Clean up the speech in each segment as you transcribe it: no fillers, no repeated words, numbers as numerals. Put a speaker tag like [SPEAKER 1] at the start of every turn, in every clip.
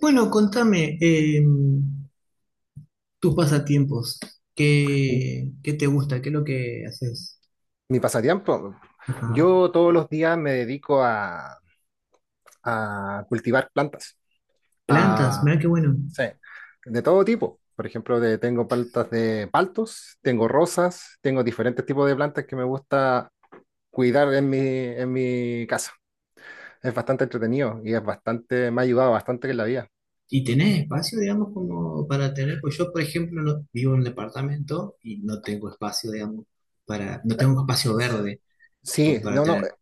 [SPEAKER 1] Bueno, contame tus pasatiempos.
[SPEAKER 2] Mi
[SPEAKER 1] ¿Qué, qué te gusta? ¿Qué es lo que haces?
[SPEAKER 2] mi pasatiempo.
[SPEAKER 1] Ajá.
[SPEAKER 2] Yo todos los días me dedico a cultivar plantas,
[SPEAKER 1] Plantas,
[SPEAKER 2] a,
[SPEAKER 1] mira qué bueno.
[SPEAKER 2] sí, de todo tipo. Por ejemplo, tengo plantas de paltos, tengo rosas, tengo diferentes tipos de plantas que me gusta cuidar en mi casa. Es bastante entretenido y me ha ayudado bastante en la vida.
[SPEAKER 1] ¿Y tenés espacio, digamos, como para tener? Pues yo, por ejemplo, vivo en un departamento y no tengo espacio, digamos, para, no tengo espacio verde como
[SPEAKER 2] Sí,
[SPEAKER 1] para
[SPEAKER 2] no, no.
[SPEAKER 1] tener.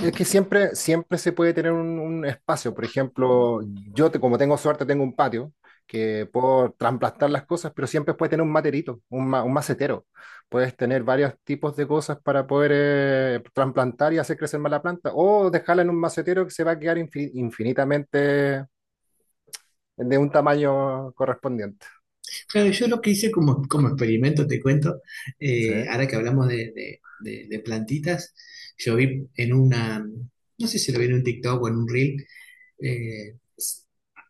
[SPEAKER 2] Es que siempre, siempre se puede tener un espacio. Por ejemplo, como tengo suerte, tengo un patio que puedo trasplantar las cosas, pero siempre puedes tener un materito, un macetero. Puedes tener varios tipos de cosas para poder trasplantar y hacer crecer más la planta, o dejarla en un macetero que se va a quedar infinitamente de un tamaño correspondiente.
[SPEAKER 1] Claro, yo lo que hice como, como experimento, te cuento,
[SPEAKER 2] Sí,
[SPEAKER 1] ahora que hablamos de, de plantitas, yo vi en una, no sé si lo vi en un TikTok o en un reel, eh,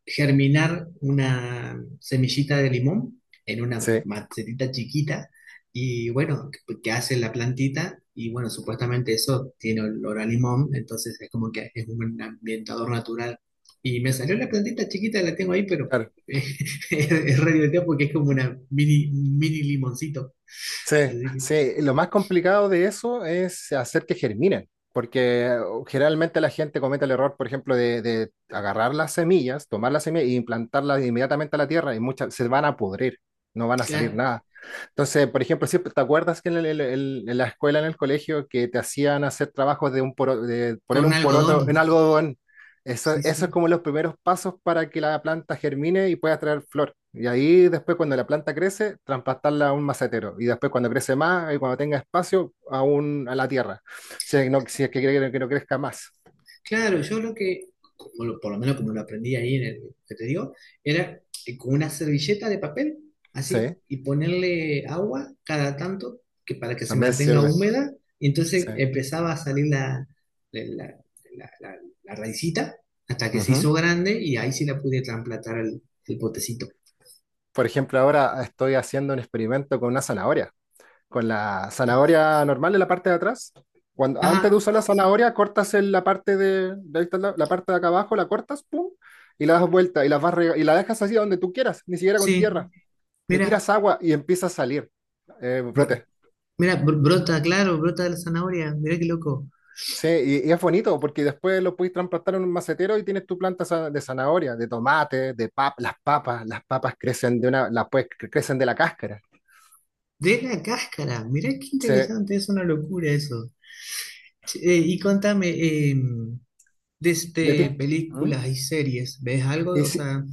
[SPEAKER 1] germinar una semillita de limón en una
[SPEAKER 2] sí,
[SPEAKER 1] macetita chiquita y bueno, que hace la plantita y bueno, supuestamente eso tiene olor a limón, entonces es como que es un ambientador natural. Y me salió la plantita chiquita, la tengo ahí, pero
[SPEAKER 2] claro.
[SPEAKER 1] es, es re divertido porque es como una mini, mini limoncito.
[SPEAKER 2] Sí,
[SPEAKER 1] Así que
[SPEAKER 2] sí, lo más complicado de eso es hacer que germinen, porque generalmente la gente comete el error, por ejemplo, de agarrar las semillas, tomar las semillas e implantarlas inmediatamente a la tierra y muchas se van a pudrir, no van a salir
[SPEAKER 1] ya,
[SPEAKER 2] nada. Entonces, por ejemplo, siempre te acuerdas que en la escuela, en el colegio, que te hacían hacer trabajos de
[SPEAKER 1] con
[SPEAKER 2] poner un
[SPEAKER 1] algodón,
[SPEAKER 2] poroto en algodón. eso,
[SPEAKER 1] sí,
[SPEAKER 2] eso es
[SPEAKER 1] sí.
[SPEAKER 2] como los primeros pasos para que la planta germine y pueda traer flor. Y ahí después, cuando la planta crece, trasplantarla a un macetero. Y después, cuando crece más y cuando tenga espacio, a la tierra. Si es, que no, si es que quiere que no crezca más.
[SPEAKER 1] Claro, yo lo que, como por lo menos como lo aprendí ahí en el que te digo, era con una servilleta de papel,
[SPEAKER 2] Sí,
[SPEAKER 1] así, y ponerle agua cada tanto que para que se
[SPEAKER 2] también
[SPEAKER 1] mantenga
[SPEAKER 2] sirve.
[SPEAKER 1] húmeda, y entonces
[SPEAKER 2] Sí.
[SPEAKER 1] empezaba a salir la, la, la- la raicita hasta que se
[SPEAKER 2] Ujú.
[SPEAKER 1] hizo grande y ahí sí la pude trasplantar al, el potecito.
[SPEAKER 2] Por ejemplo, ahora estoy haciendo un experimento con una zanahoria. Con la zanahoria normal en la parte de atrás. Cuando, antes
[SPEAKER 1] Ajá,
[SPEAKER 2] de usar la zanahoria, cortas en la parte de ahí, está la parte de acá abajo, la cortas, pum, y la das vuelta y la dejas así donde tú quieras, ni siquiera con
[SPEAKER 1] sí,
[SPEAKER 2] tierra. Le
[SPEAKER 1] mira,
[SPEAKER 2] tiras agua y empieza a salir brote.
[SPEAKER 1] mira, brota, claro, brota de la zanahoria, mira qué loco.
[SPEAKER 2] Sí, y es bonito porque después lo puedes transplantar en un macetero y tienes tu planta de zanahoria, de tomate, las papas crecen de una, crecen de la cáscara.
[SPEAKER 1] De la cáscara, mira qué
[SPEAKER 2] Sí.
[SPEAKER 1] interesante, es una locura eso. Che, y contame,
[SPEAKER 2] Y a
[SPEAKER 1] desde
[SPEAKER 2] ti- ¿Mm?
[SPEAKER 1] películas y series, ¿ves algo?
[SPEAKER 2] Y
[SPEAKER 1] O
[SPEAKER 2] si-
[SPEAKER 1] sea,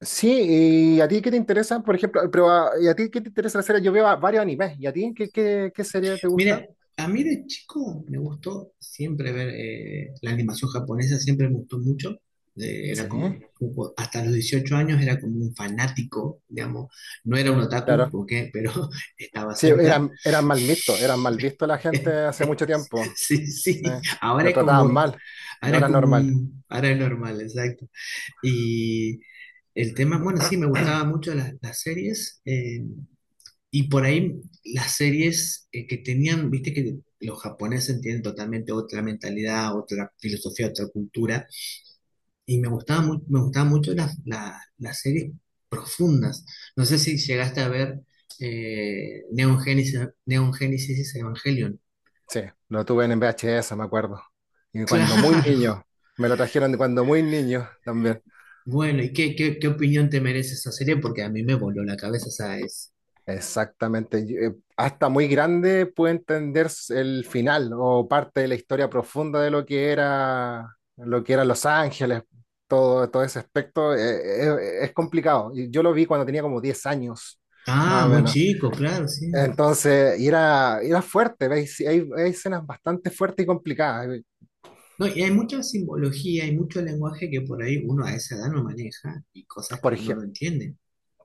[SPEAKER 2] Sí, ¿y a ti qué te interesa? Por ejemplo, pero ¿y a ti qué te interesa la serie? Yo veo varios animes. ¿Y a ti qué serie te gusta?
[SPEAKER 1] mira, a mí de chico me gustó siempre ver la animación japonesa, siempre me gustó mucho. Era
[SPEAKER 2] Sí,
[SPEAKER 1] como, hasta los 18 años era como un fanático, digamos. No era un otaku,
[SPEAKER 2] claro.
[SPEAKER 1] porque, pero estaba
[SPEAKER 2] Sí,
[SPEAKER 1] cerca.
[SPEAKER 2] eran mal vistos, eran mal vistos la gente hace mucho tiempo.
[SPEAKER 1] Sí,
[SPEAKER 2] Sí,
[SPEAKER 1] sí,
[SPEAKER 2] nos trataban mal. Ahora es normal.
[SPEAKER 1] ahora es normal, exacto. Y el tema, bueno, sí, me gustaban mucho las series. Y por ahí las series que tenían, viste que los japoneses tienen totalmente otra mentalidad, otra filosofía, otra cultura. Y me gustaban, me gustaban mucho las, las series profundas. No sé si llegaste a ver eh, Neon Genesis, Neon Genesis Evangelion.
[SPEAKER 2] Sí, lo tuve en VHS, me acuerdo. Y cuando muy
[SPEAKER 1] Claro.
[SPEAKER 2] niño, me lo trajeron de cuando muy niño también.
[SPEAKER 1] Bueno, ¿y qué, qué opinión te merece esa serie? Porque a mí me voló la cabeza, ¿sabes?
[SPEAKER 2] Exactamente. Y hasta muy grande puede entender el final o parte de la historia profunda de lo que era Los Ángeles, todo ese aspecto. Es complicado. Y yo lo vi cuando tenía como 10 años,
[SPEAKER 1] Ah,
[SPEAKER 2] más o
[SPEAKER 1] muy
[SPEAKER 2] menos.
[SPEAKER 1] chico, claro, sí.
[SPEAKER 2] Entonces, y era fuerte. ¿Veis? Sí, hay escenas bastante fuertes y complicadas.
[SPEAKER 1] No, y hay mucha simbología, hay mucho lenguaje que por ahí uno a esa edad no maneja y cosas
[SPEAKER 2] Por
[SPEAKER 1] que uno no
[SPEAKER 2] ejemplo.
[SPEAKER 1] entiende.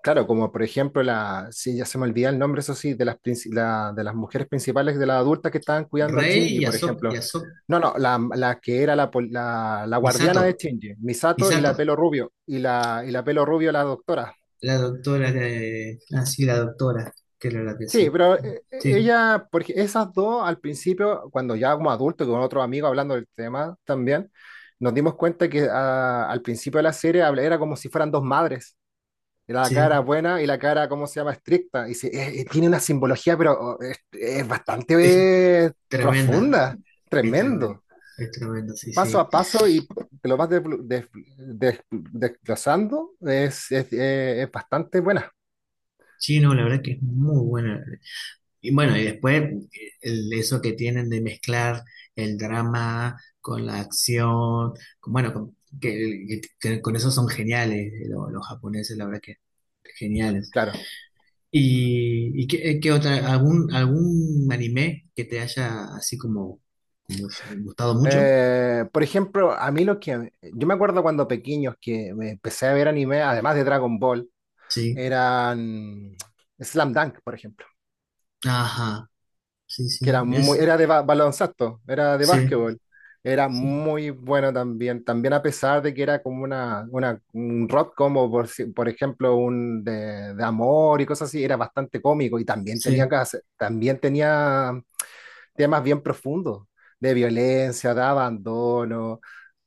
[SPEAKER 2] Claro, como por ejemplo, la, sí, ya se me olvida el nombre, eso sí, de las mujeres principales, de las adultas que estaban cuidando a
[SPEAKER 1] Rey
[SPEAKER 2] Shinji,
[SPEAKER 1] y
[SPEAKER 2] por
[SPEAKER 1] Ahsoka,
[SPEAKER 2] ejemplo. No, no, la que era la guardiana de
[SPEAKER 1] Misato,
[SPEAKER 2] Shinji, Misato, y la
[SPEAKER 1] Misato,
[SPEAKER 2] pelo rubio, y la pelo rubio, la doctora.
[SPEAKER 1] la doctora de... Ah, sí, la doctora, que era la que
[SPEAKER 2] Sí,
[SPEAKER 1] sí.
[SPEAKER 2] pero
[SPEAKER 1] Sí,
[SPEAKER 2] ella, porque esas dos al principio, cuando ya como adulto, con otro amigo hablando del tema también, nos dimos cuenta que ah, al principio de la serie era como si fueran dos madres. La cara
[SPEAKER 1] sí,
[SPEAKER 2] buena y la cara, ¿cómo se llama? Estricta. Y tiene una simbología, pero oh, es
[SPEAKER 1] es
[SPEAKER 2] bastante eh,
[SPEAKER 1] tremenda,
[SPEAKER 2] profunda,
[SPEAKER 1] es tremenda,
[SPEAKER 2] tremendo.
[SPEAKER 1] es tremenda, sí,
[SPEAKER 2] Paso
[SPEAKER 1] sí.
[SPEAKER 2] a paso y te lo vas desglosando, es bastante buena,
[SPEAKER 1] Sí, no, la verdad que es muy buena. Y bueno, y después eso que tienen de mezclar el drama con la acción, bueno, con, que con eso son geniales los, japoneses, la verdad que geniales.
[SPEAKER 2] claro.
[SPEAKER 1] ¿Y, qué, qué otra, algún anime que te haya así como, como gustado mucho?
[SPEAKER 2] Por ejemplo, a mí lo que... Yo me acuerdo cuando pequeños que me empecé a ver anime, además de Dragon Ball,
[SPEAKER 1] Sí,
[SPEAKER 2] eran Slam Dunk, por ejemplo.
[SPEAKER 1] ajá, sí, sí,
[SPEAKER 2] Que
[SPEAKER 1] es,
[SPEAKER 2] era de baloncesto, era de
[SPEAKER 1] sí,
[SPEAKER 2] básquetbol. Era
[SPEAKER 1] sí,
[SPEAKER 2] muy bueno también, también a pesar de que era como un rock, como por, si- por ejemplo de amor y cosas así, era bastante cómico y también tenía,
[SPEAKER 1] sí,
[SPEAKER 2] cas- también tenía temas bien profundos, de violencia, de abandono,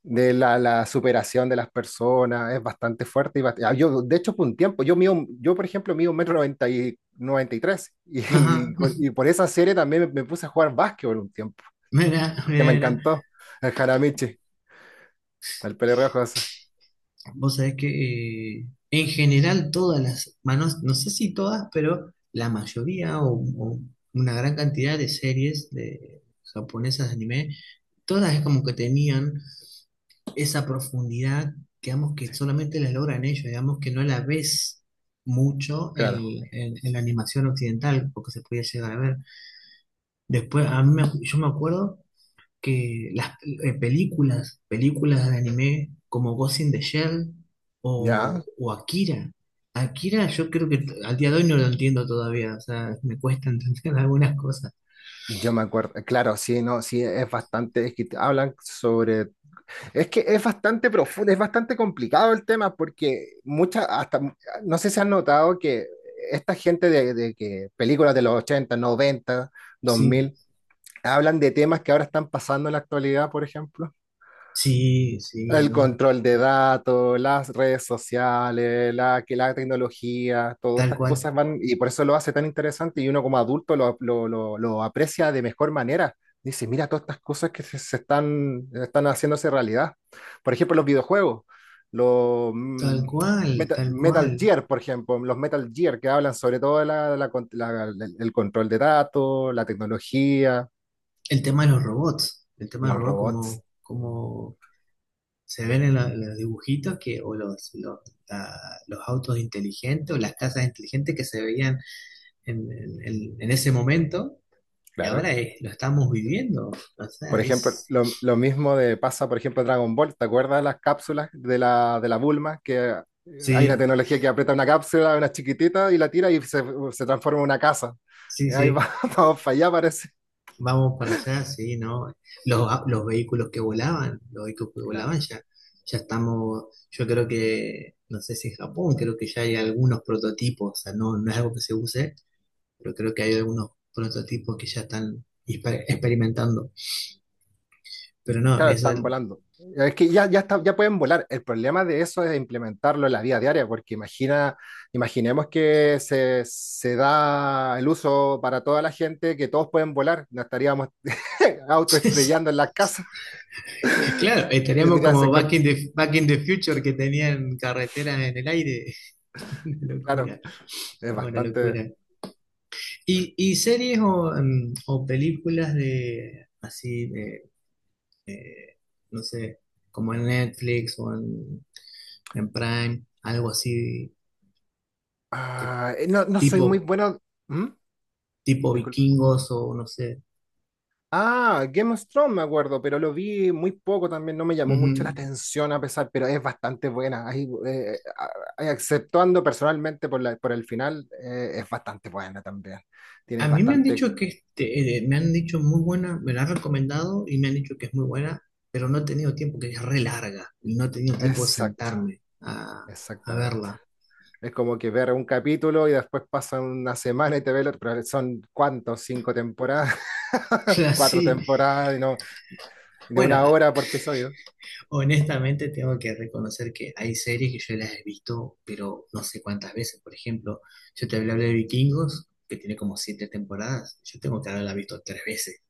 [SPEAKER 2] de la superación de las personas. Es bastante fuerte. Y yo, de hecho, por un tiempo, yo, yo por ejemplo, mido un metro noventa y, 93 y, tres, y,
[SPEAKER 1] ajá,
[SPEAKER 2] y con- y por esa serie también me puse a jugar básquetbol un tiempo,
[SPEAKER 1] mira,
[SPEAKER 2] porque me
[SPEAKER 1] mira, mira.
[SPEAKER 2] encantó el Jaramichi, el pelirrojo ese,
[SPEAKER 1] Vos sabés que en general todas las, manos, no sé si todas, pero la mayoría o una gran cantidad de series de japonesas de anime, todas es como que tenían esa profundidad, digamos que solamente la logran ellos, digamos que no la ves mucho
[SPEAKER 2] claro,
[SPEAKER 1] en, en la animación occidental, porque se podía llegar a ver. Después, a mí yo me acuerdo que las películas, películas de anime como Ghost in the Shell
[SPEAKER 2] ya.
[SPEAKER 1] o Akira. Akira yo creo que al día de hoy no lo entiendo todavía, o sea, me cuesta entender algunas cosas.
[SPEAKER 2] Yo me acuerdo, claro, sí, no, sí, es bastante, es que hablan sobre. Es que es bastante profundo, es bastante complicado el tema, porque muchas, hasta, no sé si han notado que esta gente de que películas de los 80, 90, dos
[SPEAKER 1] Sí,
[SPEAKER 2] mil hablan de temas que ahora están pasando en la actualidad, por ejemplo.
[SPEAKER 1] sí, sí,
[SPEAKER 2] El
[SPEAKER 1] no,
[SPEAKER 2] control de datos, las redes sociales, la tecnología, todas
[SPEAKER 1] tal
[SPEAKER 2] estas
[SPEAKER 1] cual,
[SPEAKER 2] cosas van, y por eso lo hace tan interesante, y uno como adulto lo aprecia de mejor manera. Dice, mira todas estas cosas que se están, haciéndose realidad. Por ejemplo, los videojuegos, los
[SPEAKER 1] tal cual, tal cual.
[SPEAKER 2] Metal Gear, por ejemplo, los Metal Gear que hablan sobre todo de la con- la- el control de datos, la tecnología,
[SPEAKER 1] El tema de los robots, el tema de los
[SPEAKER 2] los
[SPEAKER 1] robots
[SPEAKER 2] robots,
[SPEAKER 1] como, se ven en, los dibujitos que, o los, la- los autos inteligentes o las casas inteligentes que se veían en, en ese momento. Y ahora
[SPEAKER 2] claro.
[SPEAKER 1] lo estamos viviendo. O
[SPEAKER 2] Por
[SPEAKER 1] sea,
[SPEAKER 2] ejemplo,
[SPEAKER 1] es.
[SPEAKER 2] lo mismo pasa, por ejemplo, Dragon Ball. ¿Te acuerdas las cápsulas de la Bulma? Que hay una
[SPEAKER 1] Sí,
[SPEAKER 2] tecnología que aprieta una cápsula, una chiquitita, y la tira y se transforma en una casa.
[SPEAKER 1] sí,
[SPEAKER 2] Y ahí
[SPEAKER 1] sí.
[SPEAKER 2] vamos para allá, parece.
[SPEAKER 1] Vamos para allá, sí, ¿no? Los vehículos que volaban,
[SPEAKER 2] Claro,
[SPEAKER 1] ya, ya estamos, yo creo que, no sé si en Japón, creo que ya hay algunos prototipos, o sea, no, no es algo que se use, pero creo que hay algunos prototipos que ya están experimentando. Pero no,
[SPEAKER 2] claro,
[SPEAKER 1] eso
[SPEAKER 2] están volando. Es que ya, ya, ya pueden volar. El problema de eso es implementarlo en la vida diaria, porque imagina, se da el uso para toda la gente, que todos pueden volar. No estaríamos autoestrellando en las casas.
[SPEAKER 1] claro, estaríamos
[SPEAKER 2] Tendría que
[SPEAKER 1] como
[SPEAKER 2] ser
[SPEAKER 1] Back in the Future que tenían carreteras en el aire. Una
[SPEAKER 2] claro,
[SPEAKER 1] locura,
[SPEAKER 2] es
[SPEAKER 1] no, una
[SPEAKER 2] bastante.
[SPEAKER 1] locura. ¿Y, series o películas de así, de, eh, no sé, como en Netflix o en, Prime, algo así, que
[SPEAKER 2] Ah, no, no soy
[SPEAKER 1] tipo,
[SPEAKER 2] muy bueno. ¿Mm?
[SPEAKER 1] tipo
[SPEAKER 2] Disculpa.
[SPEAKER 1] vikingos o no sé?
[SPEAKER 2] Ah, Game of Thrones me acuerdo, pero lo vi muy poco también, no me llamó mucho la
[SPEAKER 1] Ujú.
[SPEAKER 2] atención, a pesar, pero es bastante buena. Ahí, exceptuando personalmente por por el final, es bastante buena también.
[SPEAKER 1] A
[SPEAKER 2] Tienes
[SPEAKER 1] mí me han dicho
[SPEAKER 2] bastante.
[SPEAKER 1] que este, me han dicho muy buena, me la han recomendado y me han dicho que es muy buena, pero no he tenido tiempo, que es re larga, y no he tenido tiempo de
[SPEAKER 2] Exacto,
[SPEAKER 1] sentarme a,
[SPEAKER 2] exactamente.
[SPEAKER 1] verla.
[SPEAKER 2] Es como que ver un capítulo y después pasa una semana y te ve el otro, pero son cuántos, cinco temporadas,
[SPEAKER 1] Claro,
[SPEAKER 2] cuatro
[SPEAKER 1] sí.
[SPEAKER 2] temporadas, y no, de
[SPEAKER 1] Bueno,
[SPEAKER 2] una hora por episodio.
[SPEAKER 1] honestamente, tengo que reconocer que hay series que yo las he visto, pero no sé cuántas veces. Por ejemplo, yo te hablé de Vikingos, que tiene como siete temporadas. Yo tengo que haberla visto tres veces.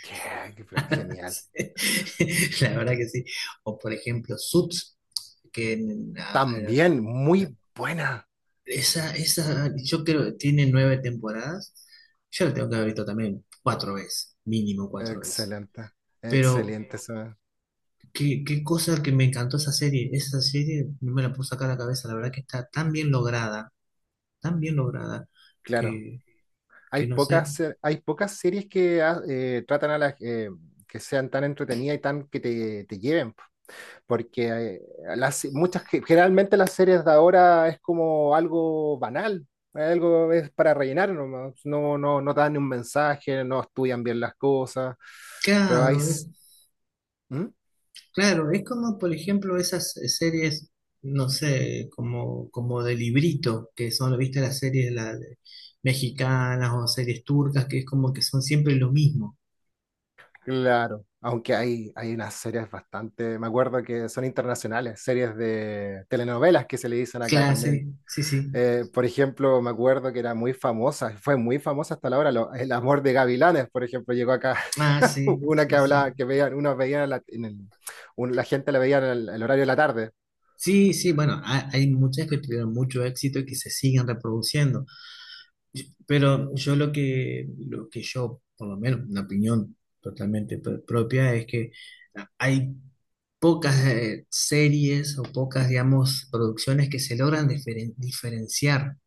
[SPEAKER 2] Qué, qué pero genial.
[SPEAKER 1] Sí, la verdad que sí. O por ejemplo, Suits, que
[SPEAKER 2] También muy buena.
[SPEAKER 1] esa, yo creo que tiene nueve temporadas. Yo la tengo que haber visto también cuatro veces, mínimo cuatro veces.
[SPEAKER 2] Excelente,
[SPEAKER 1] Pero
[SPEAKER 2] excelente.
[SPEAKER 1] qué, cosa que me encantó esa serie. Esa serie no me la puedo sacar a la cabeza. La verdad que está tan bien lograda,
[SPEAKER 2] Claro,
[SPEAKER 1] que,
[SPEAKER 2] hay
[SPEAKER 1] no sé.
[SPEAKER 2] pocas, hay pocas series que ah, tratan a las que sean tan entretenidas y tan que te lleven, porque generalmente las series de ahora es como algo banal, algo es para rellenar nomás, no, no, no dan un mensaje, no estudian bien las cosas, pero hay...
[SPEAKER 1] Claro, es,
[SPEAKER 2] ¿Mm?
[SPEAKER 1] claro, es como, por ejemplo, esas series, no sé, como, de librito, que son, viste, las series mexicanas o series turcas, que es como que son siempre lo mismo.
[SPEAKER 2] Claro, aunque hay unas series bastante, me acuerdo que son internacionales, series de telenovelas, que se le dicen acá también.
[SPEAKER 1] Clase, sí, sí.
[SPEAKER 2] Por ejemplo, me acuerdo que era muy famosa, fue muy famosa hasta la hora, El amor de Gavilanes, por ejemplo, llegó acá,
[SPEAKER 1] Ah, sí,
[SPEAKER 2] una que
[SPEAKER 1] sí,
[SPEAKER 2] hablaba,
[SPEAKER 1] sí.
[SPEAKER 2] que veían, unos veían, la, en el- un- la gente la veía en el horario de la tarde.
[SPEAKER 1] Sí, sí, bueno, hay muchas que tuvieron mucho éxito y que se siguen reproduciendo. Pero yo lo que yo, por lo menos, una opinión totalmente propia, es que hay pocas series o pocas, digamos, producciones que se logran diferenciar.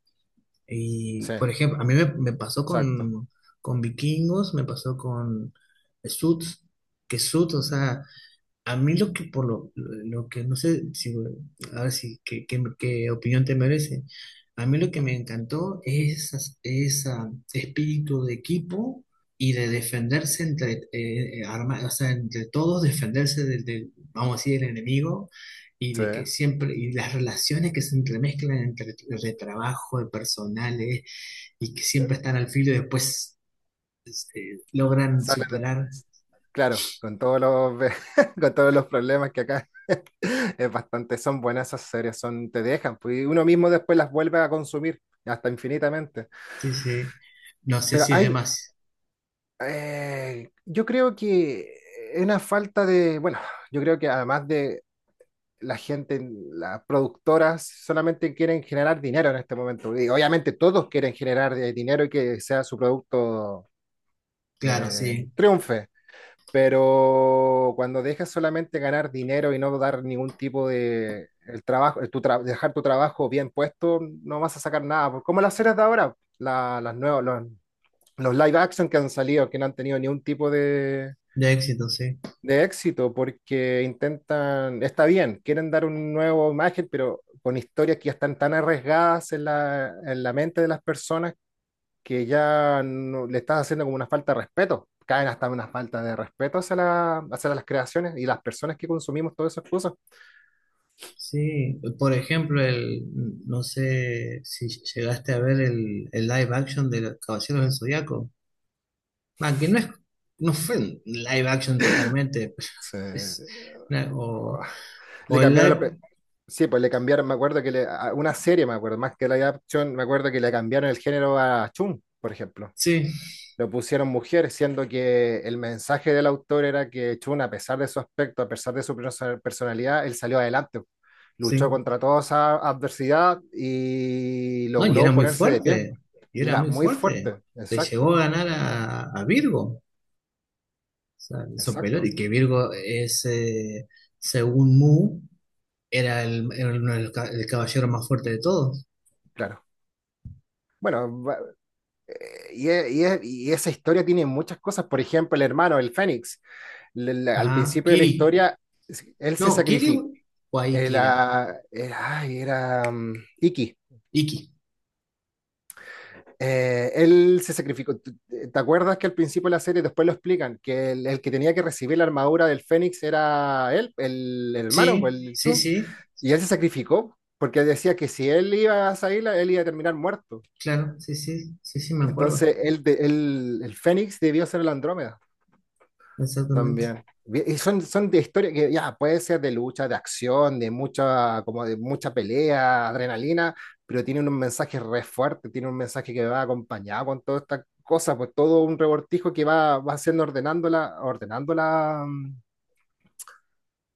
[SPEAKER 1] Y,
[SPEAKER 2] Sí,
[SPEAKER 1] por ejemplo, a mí me pasó
[SPEAKER 2] exacto,
[SPEAKER 1] con, Vikingos, me pasó con Suits, que Suits, o sea, a mí lo que por lo que no sé si a ver si qué, opinión te merece. A mí lo que me encantó es ese espíritu de equipo y de defenderse entre o sea, entre todos, defenderse del, vamos a decir, el enemigo y
[SPEAKER 2] sí.
[SPEAKER 1] de que siempre y las relaciones que se entremezclan entre de trabajo, de personales y que siempre están al filo y después logran
[SPEAKER 2] Sale de-
[SPEAKER 1] superar.
[SPEAKER 2] claro, con todos los, con todos los problemas que acá. Es bastante, son buenas esas series, son, te dejan, pues, y uno mismo después las vuelve a consumir hasta infinitamente.
[SPEAKER 1] Sí, sí. No sé
[SPEAKER 2] Pero
[SPEAKER 1] si es
[SPEAKER 2] hay,
[SPEAKER 1] demasiado.
[SPEAKER 2] yo creo que es una falta de, bueno, yo creo que además de la gente, las productoras solamente quieren generar dinero en este momento. Y obviamente todos quieren generar dinero y que sea su producto
[SPEAKER 1] Claro, sí,
[SPEAKER 2] triunfe. Pero cuando dejas solamente ganar dinero y no dar ningún tipo de el trabajo, dejar tu trabajo bien puesto, no vas a sacar nada, pues. Como las series de ahora, las nuevas, los live action que han salido, que no han tenido ningún tipo de,
[SPEAKER 1] de éxito, sí.
[SPEAKER 2] de éxito, porque intentan, está bien, quieren dar un nuevo imagen, pero con historias que ya están tan arriesgadas en la mente de las personas, que ya le estás haciendo como una falta de respeto, caen hasta una falta de respeto hacia, hacia las creaciones y las personas que consumimos todas esas cosas.
[SPEAKER 1] Sí, por ejemplo, el, no sé si llegaste a ver el, live action de los Caballeros del Zodiaco. Ah, que no es, no fue un live action totalmente, pero
[SPEAKER 2] Se-
[SPEAKER 1] es una- o,
[SPEAKER 2] Le
[SPEAKER 1] o el
[SPEAKER 2] cambiaron la...
[SPEAKER 1] live,
[SPEAKER 2] Sí, pues le cambiaron, me acuerdo que una serie, me acuerdo, más que la adaptación, me acuerdo que le cambiaron el género a Chun, por ejemplo.
[SPEAKER 1] sí,
[SPEAKER 2] Lo pusieron mujer, siendo que el mensaje del autor era que Chun, a pesar de su aspecto, a pesar de su personalidad, él salió adelante, luchó
[SPEAKER 1] sí.
[SPEAKER 2] contra toda esa adversidad y
[SPEAKER 1] No, y era
[SPEAKER 2] logró
[SPEAKER 1] muy
[SPEAKER 2] ponerse de pie.
[SPEAKER 1] fuerte, y
[SPEAKER 2] Y
[SPEAKER 1] era
[SPEAKER 2] era
[SPEAKER 1] muy
[SPEAKER 2] muy
[SPEAKER 1] fuerte.
[SPEAKER 2] fuerte,
[SPEAKER 1] Le llegó
[SPEAKER 2] exacto,
[SPEAKER 1] a ganar a, Virgo, o sea, le hizo pelota,
[SPEAKER 2] exacto,
[SPEAKER 1] y que Virgo es, según Mu, era uno de los el caballero más fuerte de todos.
[SPEAKER 2] claro. Bueno, y esa historia tiene muchas cosas, por ejemplo, el hermano, el Fénix, al
[SPEAKER 1] Ajá,
[SPEAKER 2] principio de la
[SPEAKER 1] Kiri.
[SPEAKER 2] historia, él se
[SPEAKER 1] No, Kiri
[SPEAKER 2] sacrificó.
[SPEAKER 1] o ahí Kira.
[SPEAKER 2] Era, ay, era Iki.
[SPEAKER 1] Iki.
[SPEAKER 2] Él se sacrificó. ¿Te acuerdas que al principio de la serie después lo explican? Que el que tenía que recibir la armadura del Fénix era él, el hermano,
[SPEAKER 1] Sí,
[SPEAKER 2] pues, el
[SPEAKER 1] sí,
[SPEAKER 2] Chun.
[SPEAKER 1] sí,
[SPEAKER 2] Y él se sacrificó porque decía que si él iba a salir, él iba a terminar muerto.
[SPEAKER 1] claro, sí, sí, sí, sí, me acuerdo.
[SPEAKER 2] Entonces, el Fénix debió ser el Andrómeda.
[SPEAKER 1] Exactamente.
[SPEAKER 2] También. Bien, y son de historia que ya puede ser de lucha, de acción, de mucha, como de mucha pelea, adrenalina, pero tiene un mensaje re fuerte, tiene un mensaje que va acompañado con toda esta cosa, pues todo un revoltijo que va haciendo, ordenando la, ordenando la,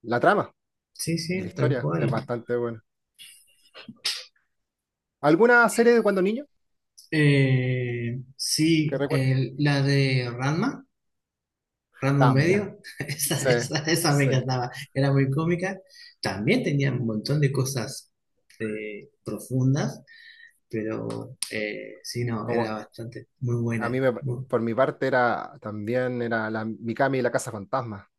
[SPEAKER 2] la trama
[SPEAKER 1] Sí,
[SPEAKER 2] y la
[SPEAKER 1] sí, tal
[SPEAKER 2] historia. Es
[SPEAKER 1] cual.
[SPEAKER 2] bastante bueno. ¿Alguna serie de cuando niño que
[SPEAKER 1] Sí,
[SPEAKER 2] recuerdas?
[SPEAKER 1] la de Ranma,
[SPEAKER 2] También,
[SPEAKER 1] medio, esa,
[SPEAKER 2] sí,
[SPEAKER 1] esa me
[SPEAKER 2] sí.
[SPEAKER 1] encantaba, era muy cómica. También tenía un montón de cosas profundas, pero sí, no,
[SPEAKER 2] Como
[SPEAKER 1] era bastante, muy
[SPEAKER 2] a
[SPEAKER 1] buena.
[SPEAKER 2] mí me-
[SPEAKER 1] Muy-
[SPEAKER 2] por mi parte era también era la Mikami y la Casa Fantasma.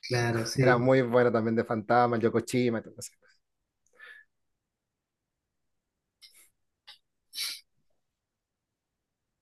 [SPEAKER 1] claro,
[SPEAKER 2] Era
[SPEAKER 1] sí.
[SPEAKER 2] muy bueno también de Fantasma, el Yokoshima y todo eso.